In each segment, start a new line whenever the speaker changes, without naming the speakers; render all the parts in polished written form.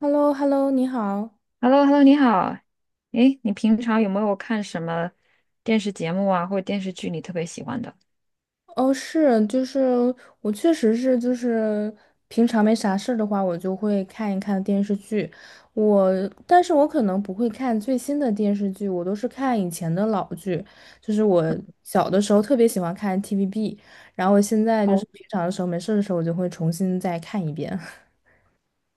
h e l l o h e l l o 你好。
h e l l o h e l l o 你好。诶，你平常有没有看什么电视节目啊，或者电视剧你特别喜欢的？
哦，是，就是我确实是，就是平常没啥事儿的话，我就会看一看电视剧。我，但是我可能不会看最新的电视剧，我都是看以前的老剧。就是我小的时候特别喜欢看 TVB,然后我现在就是
哦
平常的时候没事儿的时候，我就会重新再看一遍。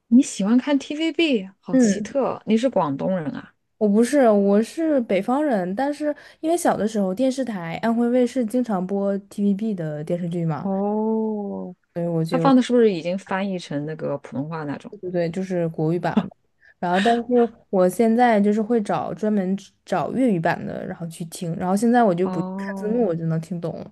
你喜欢看 TVB，好奇
嗯，
特。你是广东人啊？
我不是，我是北方人，但是因为小的时候电视台安徽卫视经常播 TVB 的电视剧嘛。
哦
所以我
他
就。
放的是不是已经翻译成那个普通话那种？
对对对，就是国语版的然后，但是我现在就是会找专门只找粤语版的，然后去听。然后现在我就不去看字幕，
哦，
我就能听懂了。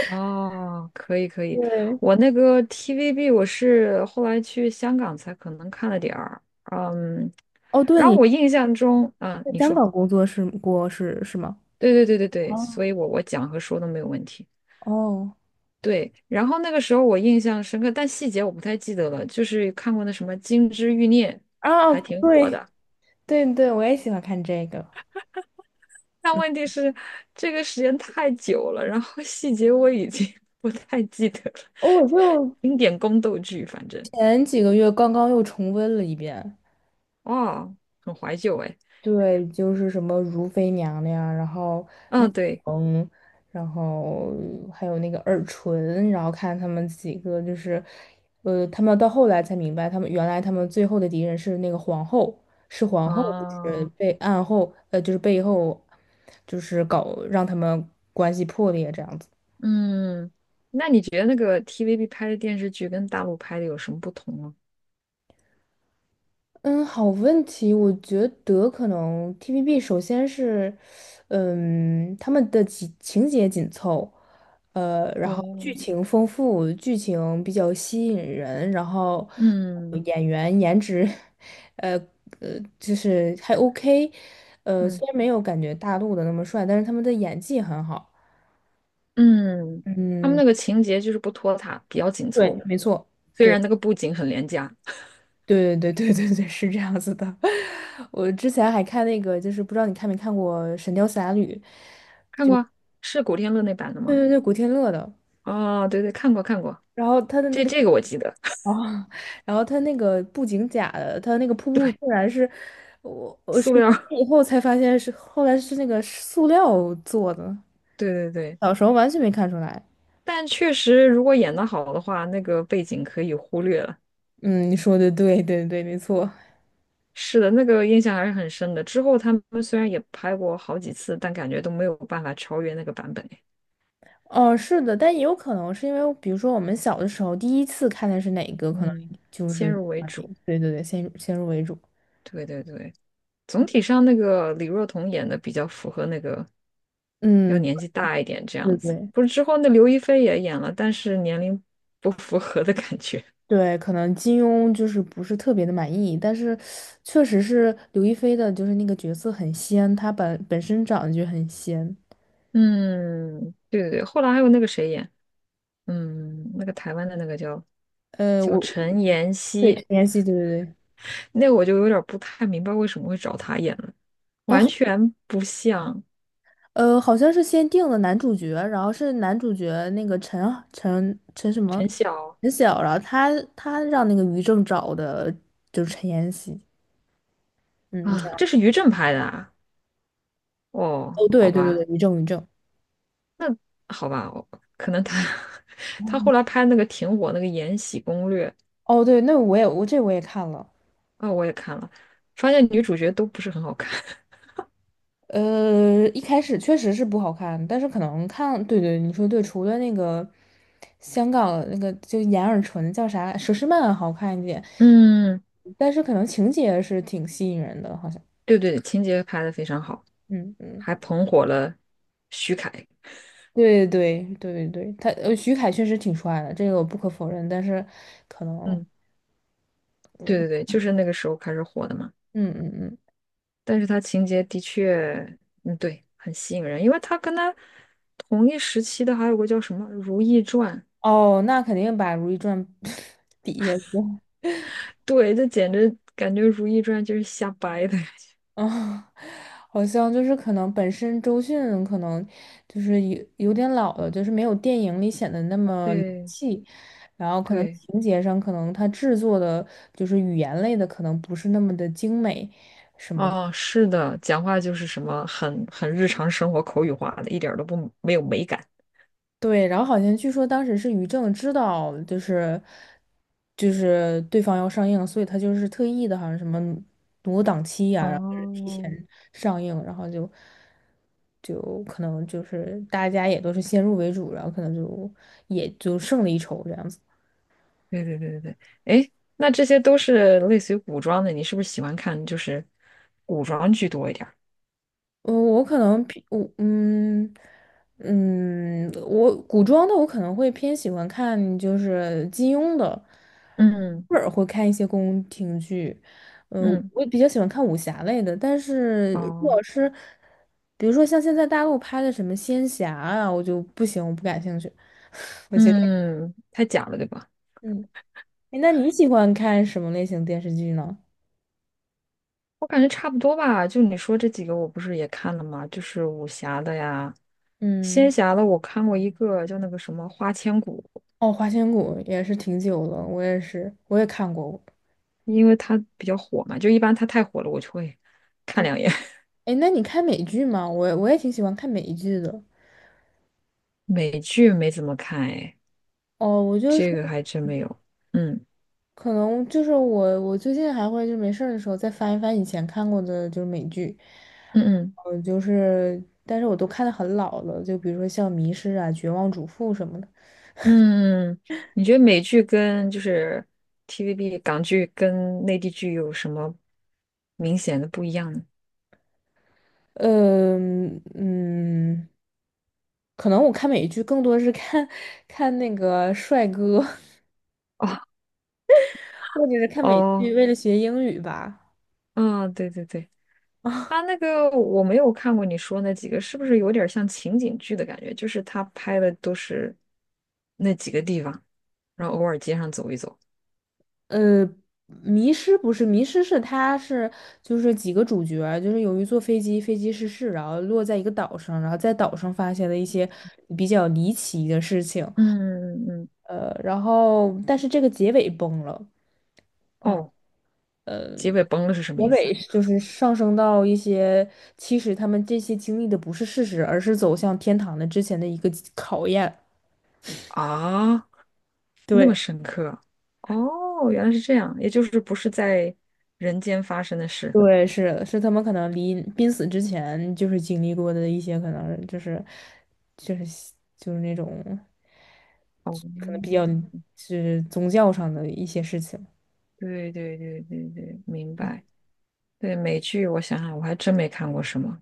哦，可以可以。
对，
我那个 TVB 我是后来去香港才可能看了点儿，嗯，
哦，对，
然后
你
我印象中，嗯，
在
你
香
说，
港工作是过是是吗？
对对对对对，所以
哦，
我讲和说都没有问题。
哦，
对，然后那个时候我印象深刻，但细节我不太记得了。就是看过那什么《金枝欲孽》，
啊，
还
哦
挺火
对
的。
对对，我也喜欢看这个。
但
嗯，
问题是，这个时间太久了，然后细节我已经 不太记得了。
哦，我就
经典宫斗剧，反正
前几个月刚刚又重温了一遍。
哦，很怀旧哎。
对，就是什么如妃娘娘，然后
嗯，对，
嗯，然后还有那个耳唇，然后看他们几个就是，他们到后来才明白，他们原来他们最后的敌人是那个皇后，是皇后，就是
啊，
被暗后，就是背后，就是搞让他们关系破裂这样子。
嗯，那你觉得那个 TVB 拍的电视剧跟大陆拍的有什么不同吗？
嗯，好问题。我觉得可能 TVB 首先是，嗯，他们的情节紧凑，然后
哦，
剧情丰富，剧情比较吸引人，然后呃
嗯
演员颜值，呃就是还 OK,
嗯
虽然没有感觉大陆的那么帅，但是他们的演技很好。
嗯，他们
嗯，
那个情节就是不拖沓，比较紧
对，
凑。
没错。
虽然那个布景很廉价，
对对对对对，对，是这样子的。我之前还看那个，就是不知道你看没看过《神雕侠侣》，
看过啊是古天乐那版的
对
吗？
对对，古天乐的。
哦，对对，看过看过，
然后他的那
这
个
这个我记得，
哦，然后他那个布景假的，他那个瀑
对，
布竟然是我是
塑料，
以后才发现是后来是那个塑料做的，
对对对，
小时候完全没看出来。
但确实如果演得好的话，那个背景可以忽略了。
嗯，你说的对对对，没错。
是的，那个印象还是很深的。之后他们虽然也拍过好几次，但感觉都没有办法超越那个版本。
哦，是的，但也有可能是因为，比如说我们小的时候第一次看的是哪个，可能
嗯，
就
先
是
入为主，
对对对，先入为主。
对对对。总体上那个李若彤演的比较符合那个要
嗯，
年纪大一点这
对
样子。
对
不是之后那刘亦菲也演了，但是年龄不符合的感觉。
对，可能金庸就是不是特别的满意，但是确实是刘亦菲的，就是那个角色很仙，她本身长得就很仙。
嗯，对对对，后来还有那个谁演，嗯，那个台湾的那个叫叫
我
陈妍
对
希，
陈妍希，对对对，
那个我就有点儿不太明白为什么会找她演了，完
哦，
全不像
好像是先定了男主角，然后是男主角那个陈什么
陈晓
陈晓，然后他让那个于正找的，就是陈妍希，嗯，这
啊，
样，
这是于正拍的啊，哦，
哦，对
好
对对对，
吧。
于正于正，
好吧，我可能他 他后来拍那个挺火那个《延禧攻略》
哦，对，那我也我这我也看了。
啊、我也看了，发现女主角都不是很好看。
一开始确实是不好看，但是可能看，对对，你说对，除了那个香港那个就眼耳唇叫啥佘诗曼好看一点，
嗯，
但是可能情节是挺吸引人的，好像，
对对，情节拍的非常好，
嗯嗯，
还捧火了徐凯。
对对对对对，他呃徐凯确实挺帅的，这个我不可否认，但是可能，
嗯，对对对，就是那个时候开始火的嘛。
嗯嗯嗯，
但是他情节的确，嗯，对，很吸引人，因为他跟他同一时期的还有个叫什么《如懿传》，
哦，那肯定把《如懿传》比下去，
对，这简直感觉《如懿传》就是瞎掰的。
啊，好像就是可能本身周迅可能就是有点老了，就是没有电影里显得那 么灵
对
气，然后可能
对。
情节上可能它制作的就是语言类的可能不是那么的精美，
哦，是的，讲话就是什么很日常生活口语化的，一点儿都不没有美感。
对，然后好像据说当时是于正知道，就是对方要上映，所以他就是特意的，好像什么挪档期呀、然后就是提
哦，
前上映，然后就可能就是大家也都是先入为主，然后可能就也就胜了一筹这样子。
对对对对对，哎，那这些都是类似于古装的，你是不是喜欢看就是古装剧多一点儿？
我可能偏我嗯嗯，我古装的我可能会偏喜欢看就是金庸的，
嗯
偶尔会看一些宫廷剧，嗯，
嗯，
我比较喜欢看武侠类的，但是如
哦，
果是比如说像现在大陆拍的什么仙侠啊，我就不行，我不感兴趣，我觉得
嗯，太假了，对吧？
嗯，诶那你喜欢看什么类型电视剧呢？
我感觉差不多吧，就你说这几个，我不是也看了吗？就是武侠的呀，仙
嗯，
侠的，我看过一个叫那个什么《花千骨》，
哦，《花千骨》也是挺久了，我也是，我也看过。
因为它比较火嘛，就一般它太火了，我就会看
对。
两眼。
哎，那你看美剧吗？我也挺喜欢看美剧的。
美剧没怎么看，哎，
哦，我就是
这个还真没有。嗯
可能就是我最近还会就没事儿的时候再翻一翻以前看过的就是美剧，
嗯嗯
就是但是我都看的很老了，就比如说像《迷失》啊、《绝望主妇》什么的。
嗯，你觉得美剧跟就是 TVB 港剧跟内地剧有什么明显的不一样呢？
嗯嗯，可能我看美剧更多是看 看那个帅哥，
哦
或者是看美
哦，
剧为了学英语吧。
嗯，对对对，它那个我没有看过你说那几个，是不是有点像情景剧的感觉？就是他拍的都是那几个地方，然后偶尔街上走一走。
呃，迷失不是迷失，是他是就是几个主角儿就是由于坐飞机，飞机失事，然后落在一个岛上，然后在岛上发现了一些比较离奇的事情，
嗯嗯
然后但是这个结尾崩了，
哦，结尾崩了是什
结
么意思
尾是就是上升到一些其实他们这些经历的不是事实，而是走向天堂的之前的一个考验，
啊？啊，那么
对。
深刻。哦，原来是这样，也就是不是在人间发生的事。
对，是是他们可能离濒死之前就是经历过的一些，可能就是就是就是那种
哦，
可能比较是宗教上的一些事情。
对对对对对，明
嗯，
白。对，美剧我想想，我还真没看过什么。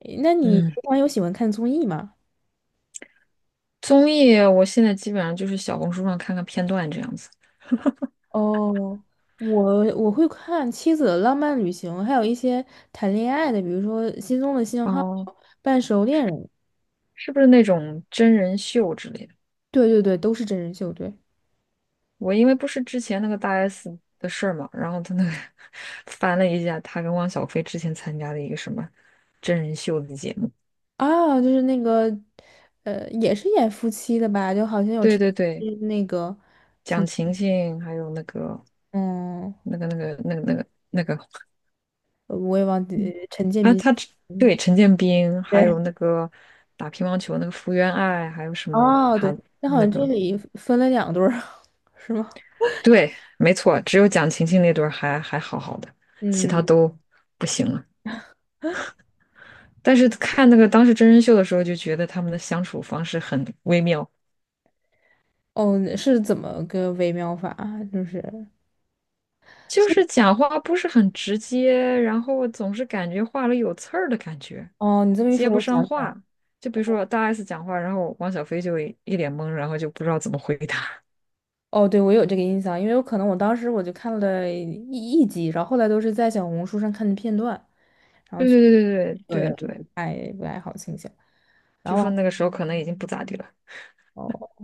诶那你平
嗯，
常有喜欢看综艺吗？
综艺我现在基本上就是小红书上看看片段这样子。
哦，我会看《妻子的浪漫旅行》，还有一些谈恋爱的，比如说《心中的信号》
哦，
《半熟恋人》。
是不是那种真人秀之类的？
对对对，都是真人秀，对。
我因为不是之前那个大 S 的事儿嘛，然后他那个 翻了一下，他跟汪小菲之前参加的一个什么真人秀的节目，
啊，就是那个，也是演夫妻的吧？就好像有
对
陈，
对对，
嗯那个，
蒋勤勤还有那个
嗯，
那个那个那个那个那个
我也忘记呃陈建
啊，
斌，
他只
嗯，
对陈建斌，还
对，
有那个打乒乓球那个福原爱，还有什么
哦，对，
他
那好
那
像这
个
里分了两对儿，是吗？
对，没错，只有蒋勤勤那对儿还好好的，其
嗯，
他都不行了。但是看那个当时真人秀的时候，就觉得他们的相处方式很微妙。
哦，是怎么个微妙法啊就是
就
说，
是讲话不是很直接，然后总是感觉话里有刺儿的感觉，
哦，你这么一
接
说，
不
我想
上
起来了，
话。就比如说大 S 讲话，然后王小飞就一脸懵，然后就不知道怎么回答。
哦，对，我有这个印象，因为我可能我当时我就看了一集，然后后来都是在小红书上看的片段，
对对对对对对对，
然
就
后
说那
啊。
个时候可能已经不咋地了。
哦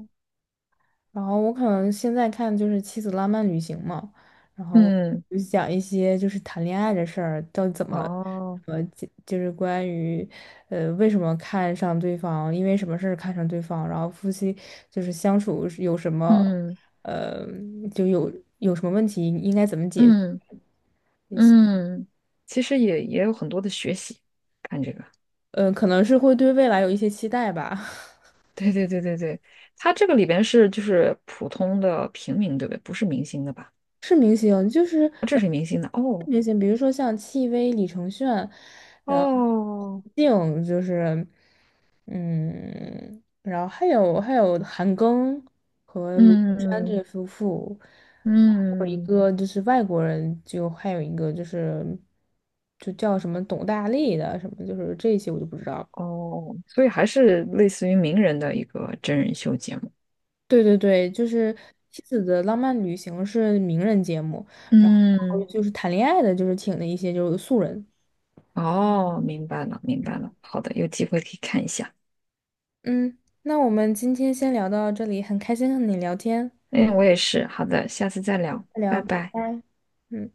然后我可能现在看就是《妻子浪漫旅行》嘛，然后
嗯，
就讲一些就是谈恋爱的事儿，到底怎么，
哦，
呃，就是关于，为什么看上对方，因为什么事儿看上对方，然后夫妻就是相处是有什么，
嗯
呃，就有有什么问题应该怎么解决，
嗯嗯，其实也有很多的学习，看这个。
可能是会对未来有一些期待吧。
对对对对对，他这个里边是就是普通的平民，对不对？不是明星的吧？
是明星，就是
哦这
呃，
是明星的哦
明星，比如说像戚薇、李承铉，然后
哦。
胡静，就是嗯，然后还有韩庚和卢靖姗
嗯
这夫妇，然后还有一
嗯，
个就是外国人，就还有一个就是就叫什么董大力的什么，就是这些我就不知道了
哦，所以还是类似于名人的一个真人秀节目。
对对对，就是《妻子的浪漫旅行》是名人节目，然后
嗯，
就是谈恋爱的，就是请的一些就是素人。
哦，明白了，明白了。好的，有机会可以看一下。
嗯，那我们今天先聊到这里，很开心和你聊天，
哎，我也是。好的，下次再聊，
再
拜
聊，拜
拜。
拜。嗯。